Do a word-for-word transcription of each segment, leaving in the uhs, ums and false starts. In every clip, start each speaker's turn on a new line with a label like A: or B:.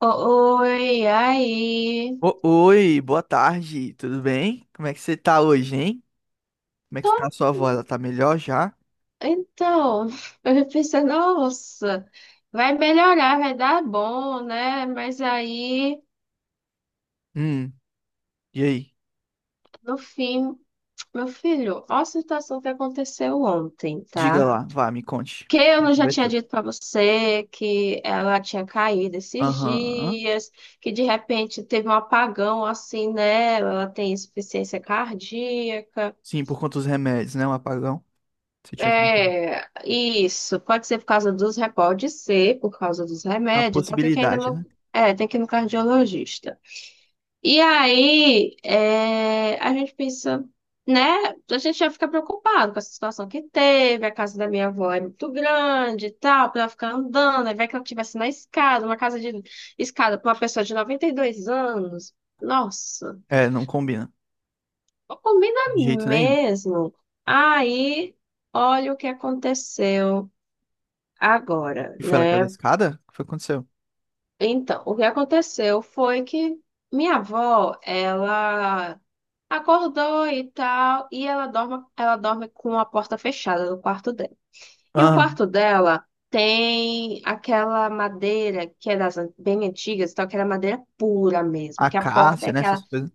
A: O- Oi, aí.
B: O- Oi, boa tarde, tudo bem? Como é que você tá hoje, hein? Como é que
A: Tô-
B: tá a sua voz? Ela tá melhor já?
A: Então, eu pensei, nossa, vai melhorar, vai dar bom, né? Mas aí,
B: Hum, e aí?
A: no fim, meu filho, olha a situação que aconteceu ontem,
B: Diga
A: tá?
B: lá, vá, me conte.
A: Que eu não já
B: Vai
A: tinha
B: tudo.
A: dito pra você que ela tinha caído esses
B: Aham.
A: dias, que de repente teve um apagão, assim né? Ela tem insuficiência cardíaca.
B: Sim, por conta dos remédios, né? Um apagão. Você tinha comprado.
A: É, isso. Pode ser por causa dos remédios, pode ser por causa dos
B: Uma
A: remédios, então tem que ainda
B: possibilidade,
A: no,
B: né?
A: é, tem que ir no cardiologista. E aí, é, a gente pensa, né? A gente já fica preocupado com essa situação que teve. A casa da minha avó é muito grande e tal, pra ela ficar andando, aí vai que ela estivesse na escada, uma casa de escada pra uma pessoa de noventa e dois anos. Nossa,
B: É, não combina.
A: não combina
B: De jeito nenhum.
A: mesmo. Aí, olha o que aconteceu. Agora,
B: E foi ela que caiu
A: né?
B: da escada? O que foi que aconteceu?
A: Então, o que aconteceu foi que minha avó, ela acordou e tal, e ela dorme, ela dorme com a porta fechada no quarto dela. E o
B: Ah,
A: quarto dela tem aquela madeira que é das an- bem antigas, então aquela madeira pura mesmo, que a porta é
B: acácia, né?
A: aquela
B: Essas coisas.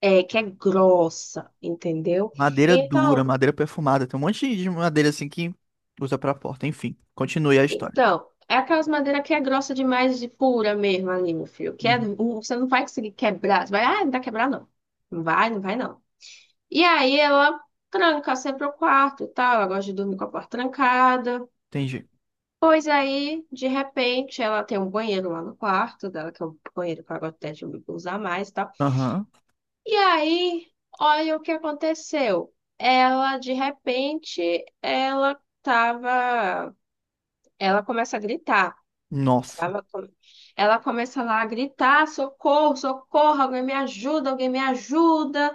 A: é, que é grossa, entendeu?
B: Madeira dura,
A: Então,
B: madeira perfumada. Tem um monte de madeira assim que usa pra porta. Enfim, continue a história.
A: Então, é aquelas madeiras que é grossa demais, de pura mesmo ali, meu filho. Que é,
B: Uhum,
A: um, você não vai conseguir quebrar. Você vai, ah, não vai quebrar, não. Não vai, não vai, não. E aí ela tranca sempre o quarto e tal. Ela gosta de dormir com a porta trancada.
B: entendi.
A: Pois aí, de repente, ela tem um banheiro lá no quarto dela, que é um banheiro que ela gosta até de usar mais e tal.
B: Aham.
A: E aí, olha o que aconteceu. Ela, de repente, ela tava. Ela começa a gritar.
B: Nossa.
A: Sabe? Ela começa lá a gritar: socorro, socorro, alguém me ajuda, alguém me ajuda.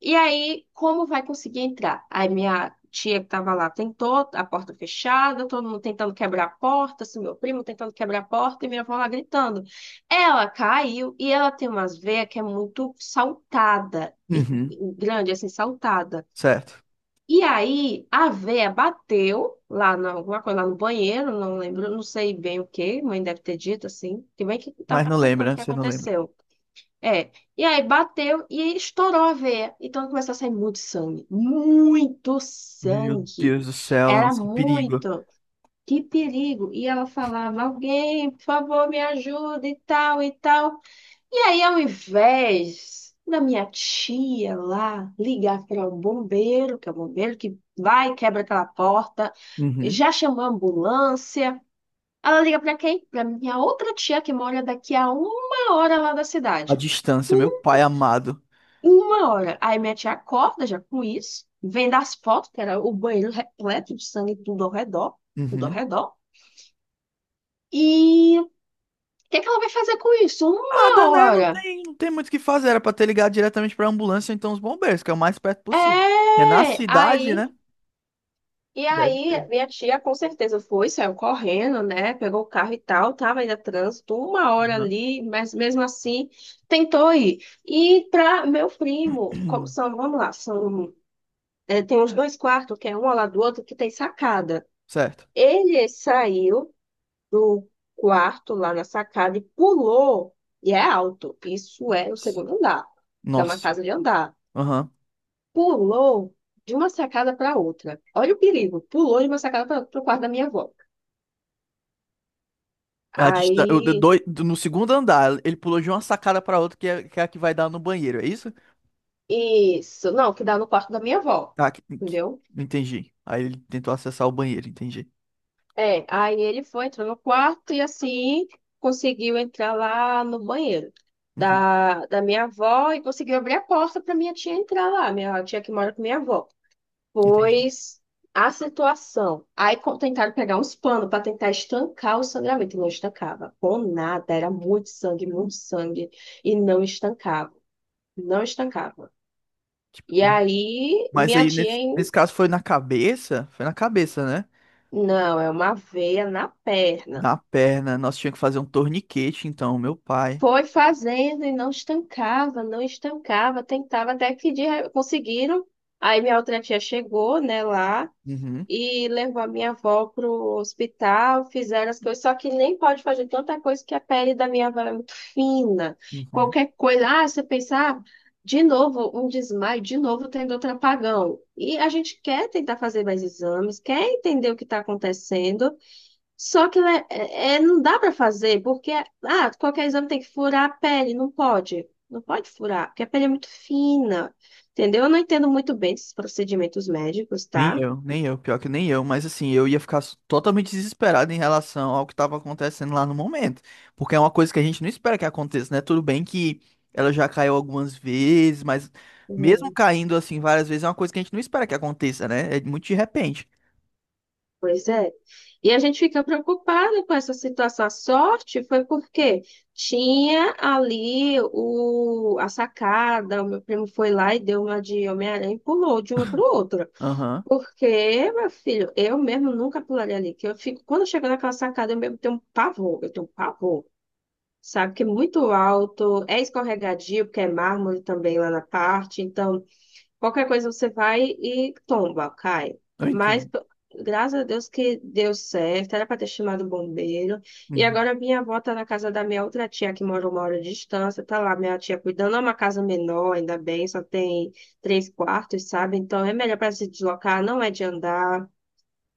A: E aí, como vai conseguir entrar? Aí minha tia, que estava lá, tentou. A porta fechada, todo mundo tentando quebrar a porta, assim, meu primo tentando quebrar a porta e minha avó lá gritando. Ela caiu e ela tem umas veias que é muito saltada, e
B: Uhum.
A: e grande, assim, saltada.
B: Certo.
A: E aí a véia bateu lá na, alguma coisa lá no banheiro, não lembro, não sei bem o que, mãe deve ter dito assim, que bem que tá
B: Mas não
A: contando
B: lembra,
A: o
B: né?
A: que
B: Você não lembra.
A: aconteceu. É. E aí bateu e aí estourou a veia. Então começou a sair muito sangue. Muito
B: Meu
A: sangue.
B: Deus do céu,
A: Era
B: nossa, que perigo.
A: muito. Que perigo. E ela falava: alguém, por favor, me ajuda e tal e tal. E aí, ao invés da minha tia lá ligar para o bombeiro, que é o bombeiro que vai e quebra aquela porta,
B: Uhum.
A: já chamou a ambulância, ela liga para quem? Para minha outra tia que mora daqui a uma hora lá da
B: A
A: cidade.
B: distância, meu
A: Um-
B: pai amado.
A: Uma hora. Aí minha tia acorda já com isso, vendo as fotos, que era o banheiro repleto de sangue, tudo ao redor, tudo ao
B: Uhum.
A: redor. E o que é que ela vai fazer com isso? Uma
B: Nada, né? Não
A: hora.
B: tem, não tem muito o que fazer. Era pra ter ligado diretamente pra ambulância, ou então os bombeiros, que é o mais perto possível. É na
A: É,
B: cidade,
A: aí.
B: né?
A: E
B: Deve ter.
A: aí, minha tia, com certeza, foi, saiu correndo, né? Pegou o carro e tal, tava ainda trânsito, uma hora ali, mas mesmo assim tentou ir. E para meu primo, como
B: Uhum.
A: são, vamos lá, são, é, tem uns dois quartos, que é um ao lado do outro, que tem sacada.
B: Certo.
A: Ele saiu do quarto lá na sacada e pulou, e é alto, isso é o segundo andar, que é uma
B: Nossa.
A: casa de andar.
B: Aham.
A: Pulou de uma sacada para outra. Olha o perigo, pulou de uma sacada para o quarto da minha avó.
B: A distância,
A: Aí,
B: no segundo andar, ele pulou de uma sacada pra outra, que é, que é a que vai dar no banheiro, é isso?
A: isso, não, que dá no quarto da minha avó,
B: Ah, que, que-
A: entendeu?
B: entendi. Aí ele tentou acessar o banheiro, entendi.
A: É, aí ele foi, entrou no quarto e assim conseguiu entrar lá no banheiro
B: Uhum,
A: da, da minha avó e conseguiu abrir a porta para minha tia entrar lá, minha tia que mora com minha avó.
B: entendi.
A: Pois a situação. Aí co- tentaram pegar uns panos para tentar estancar o sangramento e não estancava. Com nada, era muito sangue, muito sangue e não estancava, não estancava. E aí,
B: Mas
A: minha
B: aí,
A: tia.
B: nesse, nesse caso, foi na cabeça? Foi na cabeça, né?
A: Não, é uma veia na perna.
B: Na perna. Nós tínhamos que fazer um torniquete, então, meu pai.
A: Foi fazendo e não estancava, não estancava, tentava até que de... re- conseguiram. Aí minha outra tia chegou, né, lá
B: Uhum,
A: e levou a minha avó pro hospital, fizeram as coisas, só que nem pode fazer tanta coisa, que a pele da minha avó é muito fina.
B: uhum.
A: Qualquer coisa, ah, você pensar, ah, de novo um desmaio, de novo tendo outro apagão. E a gente quer tentar fazer mais exames, quer entender o que está acontecendo. Só que né, é, é- não dá para fazer, porque ah, qualquer exame tem que furar a pele, não pode. Não pode furar, porque a pele é muito fina. Entendeu? Eu não entendo muito bem esses procedimentos médicos,
B: Nem
A: tá?
B: eu, nem eu. Pior que nem eu. Mas assim, eu ia ficar s- totalmente desesperado em relação ao que estava acontecendo lá no momento. Porque é uma coisa que a gente não espera que aconteça, né? Tudo bem que ela já caiu algumas vezes, mas mesmo
A: Hum.
B: caindo assim várias vezes, é uma coisa que a gente não espera que aconteça, né? É muito de repente.
A: Pois é. E a gente fica preocupada com essa situação. A sorte foi porque tinha ali o, a sacada, o meu primo foi lá e deu uma de Homem-Aranha e pulou de uma para outra.
B: Aham,
A: Porque, meu filho, eu mesmo nunca pularia ali. Que eu fico, quando eu chego naquela sacada, eu mesmo tenho um pavor, eu tenho um pavor, sabe? Que é muito alto, é escorregadio, porque é mármore também lá na parte. Então, qualquer coisa você vai e tomba, cai.
B: eu
A: Mas
B: entendo.
A: p- Graças a Deus que deu certo, era para ter chamado o bombeiro. E
B: Uhum.
A: agora minha avó tá na casa da minha outra tia, que mora uma hora de distância, tá lá minha tia cuidando, é uma casa menor, ainda bem, só tem três quartos, sabe? Então é melhor para se deslocar, não é de andar.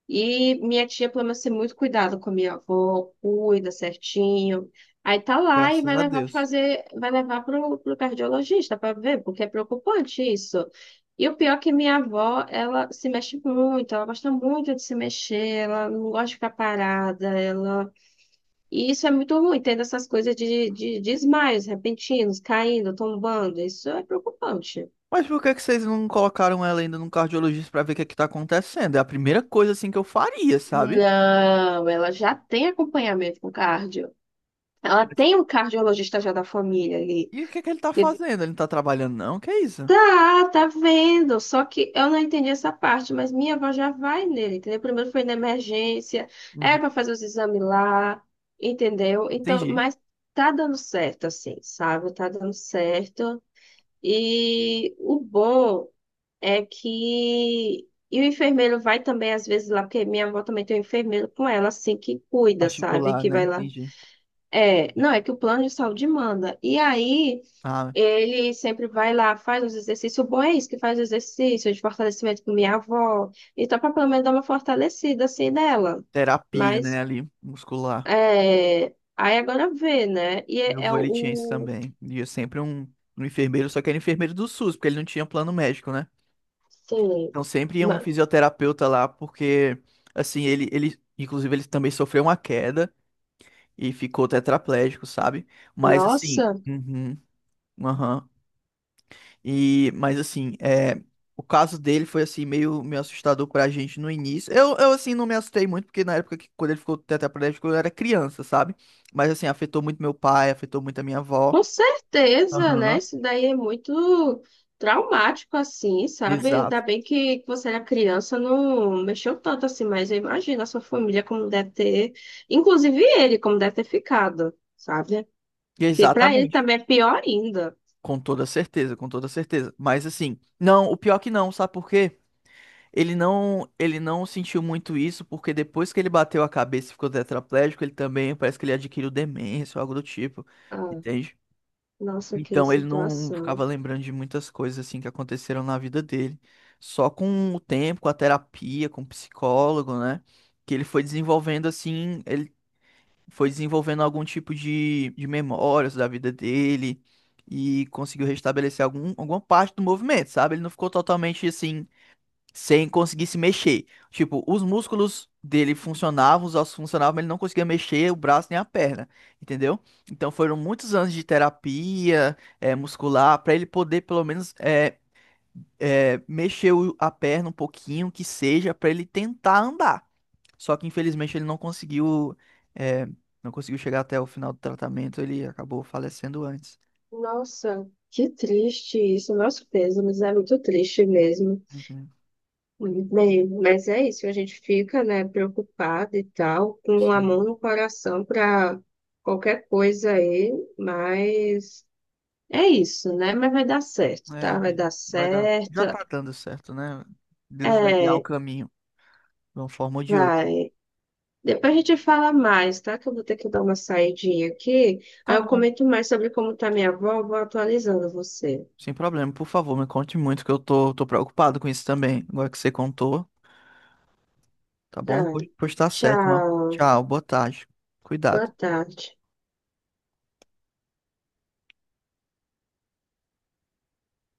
A: E minha tia planeja ser muito cuidada com a minha avó, cuida certinho. Aí tá lá e
B: Graças
A: vai
B: a
A: levar para
B: Deus.
A: fazer, vai levar pro, pro cardiologista para ver, porque é preocupante isso. E o pior é que minha avó, ela se mexe muito, ela gosta muito de se mexer, ela não gosta de ficar parada, ela... E isso é muito ruim, tendo essas coisas de, de, de, desmaios repentinos, caindo, tombando, isso é preocupante.
B: Mas por que que vocês não colocaram ela ainda num cardiologista pra ver o que é que tá acontecendo? É a primeira coisa assim que eu faria, sabe?
A: Não, ela já tem acompanhamento com cardio. Ela
B: Mas-
A: tem um cardiologista já da família ali.
B: E o que é que ele tá
A: E
B: fazendo? Ele não tá trabalhando, não? Que é isso?
A: tá, tá vendo. Só que eu não entendi essa parte, mas minha avó já vai nele, entendeu? Primeiro foi na emergência, é
B: Uhum.
A: pra fazer os exames lá, entendeu? Então,
B: Entendi.
A: mas tá dando certo, assim, sabe? Tá dando certo. E o bom é que. E o enfermeiro vai também, às vezes, lá, porque minha avó também tem um enfermeiro com ela, assim, que cuida, sabe?
B: Particular,
A: Que
B: né?
A: vai lá.
B: Entendi.
A: É, não, é que o plano de saúde manda. E aí.
B: Ah,
A: Ele sempre vai lá, faz os exercícios. O bom é isso, que faz exercício de fortalecimento com minha avó. Então, para pelo menos dar uma fortalecida assim nela.
B: terapia, né?
A: Mas,
B: Ali, muscular.
A: é... aí agora vê, né? E
B: Meu
A: é, é
B: avô, ele tinha isso
A: o.
B: também. E sempre um, um enfermeiro, só que era enfermeiro do SUS, porque ele não tinha plano médico, né?
A: Sim.
B: Então sempre ia um
A: ma-
B: fisioterapeuta lá, porque, assim, ele, ele, inclusive, ele também sofreu uma queda. E ficou tetraplégico, sabe? Mas assim,
A: Nossa,
B: uhum, aham. E mas assim, é, o caso dele foi assim meio meio assustador pra gente no início. Eu, eu assim não me assustei muito porque na época que quando ele ficou tetraplégico eu era criança, sabe? Mas assim, afetou muito meu pai, afetou muito a minha avó.
A: com certeza, né?
B: Aham.
A: Isso daí é muito traumático, assim, sabe?
B: Exato.
A: Ainda bem que você era criança, não mexeu tanto assim, mas eu imagino a sua família como deve ter, inclusive ele, como deve ter ficado. Sabe? Que pra ele
B: Exatamente.
A: também é pior ainda.
B: Com toda certeza, com toda certeza. Mas assim, não, o pior é que não, sabe por quê? Ele não, ele não sentiu muito isso, porque depois que ele bateu a cabeça e ficou tetraplégico, ele também parece que ele adquiriu demência ou algo do tipo,
A: Ah,
B: entende?
A: nossa, que
B: Então ele não
A: situação.
B: ficava lembrando de muitas coisas assim que aconteceram na vida dele. Só com o tempo, com a terapia, com o psicólogo, né? Que ele foi desenvolvendo assim, ele foi desenvolvendo algum tipo de, de memórias da vida dele e conseguiu restabelecer algum, alguma parte do movimento, sabe? Ele não ficou totalmente assim sem conseguir se mexer. Tipo, os músculos dele funcionavam, os ossos funcionavam, mas ele não conseguia mexer o braço nem a perna, entendeu? Então foram muitos anos de terapia eh, muscular para ele poder pelo menos eh, eh, mexer o- a perna um pouquinho, que seja, para ele tentar andar. Só que infelizmente ele não conseguiu, eh, não conseguiu chegar até o final do tratamento, ele acabou falecendo antes.
A: Nossa, que triste isso. Nosso peso, mas é muito triste mesmo.
B: Uhum,
A: Bem, mas é isso, a gente fica, né, preocupado e tal, com amor
B: sim,
A: no coração para qualquer coisa aí, mas é isso, né? Mas vai dar certo,
B: é a
A: tá? Vai
B: vida.
A: dar
B: Vai dar.
A: certo.
B: Já tá dando certo, né? Deus vai guiar o
A: É,
B: caminho. De uma forma ou de outra.
A: vai. Depois a gente fala mais, tá? Que eu vou ter que dar uma saidinha aqui.
B: Tá
A: Aí eu
B: bom,
A: comento mais sobre como tá minha avó, vou atualizando você.
B: sem problema, por favor, me conte muito, que eu tô, tô preocupado com isso também, agora que você contou, tá bom?
A: Tá.
B: Pois, pois tá certo, ó.
A: Tchau.
B: Tchau, boa tarde,
A: Boa
B: cuidado.
A: tarde.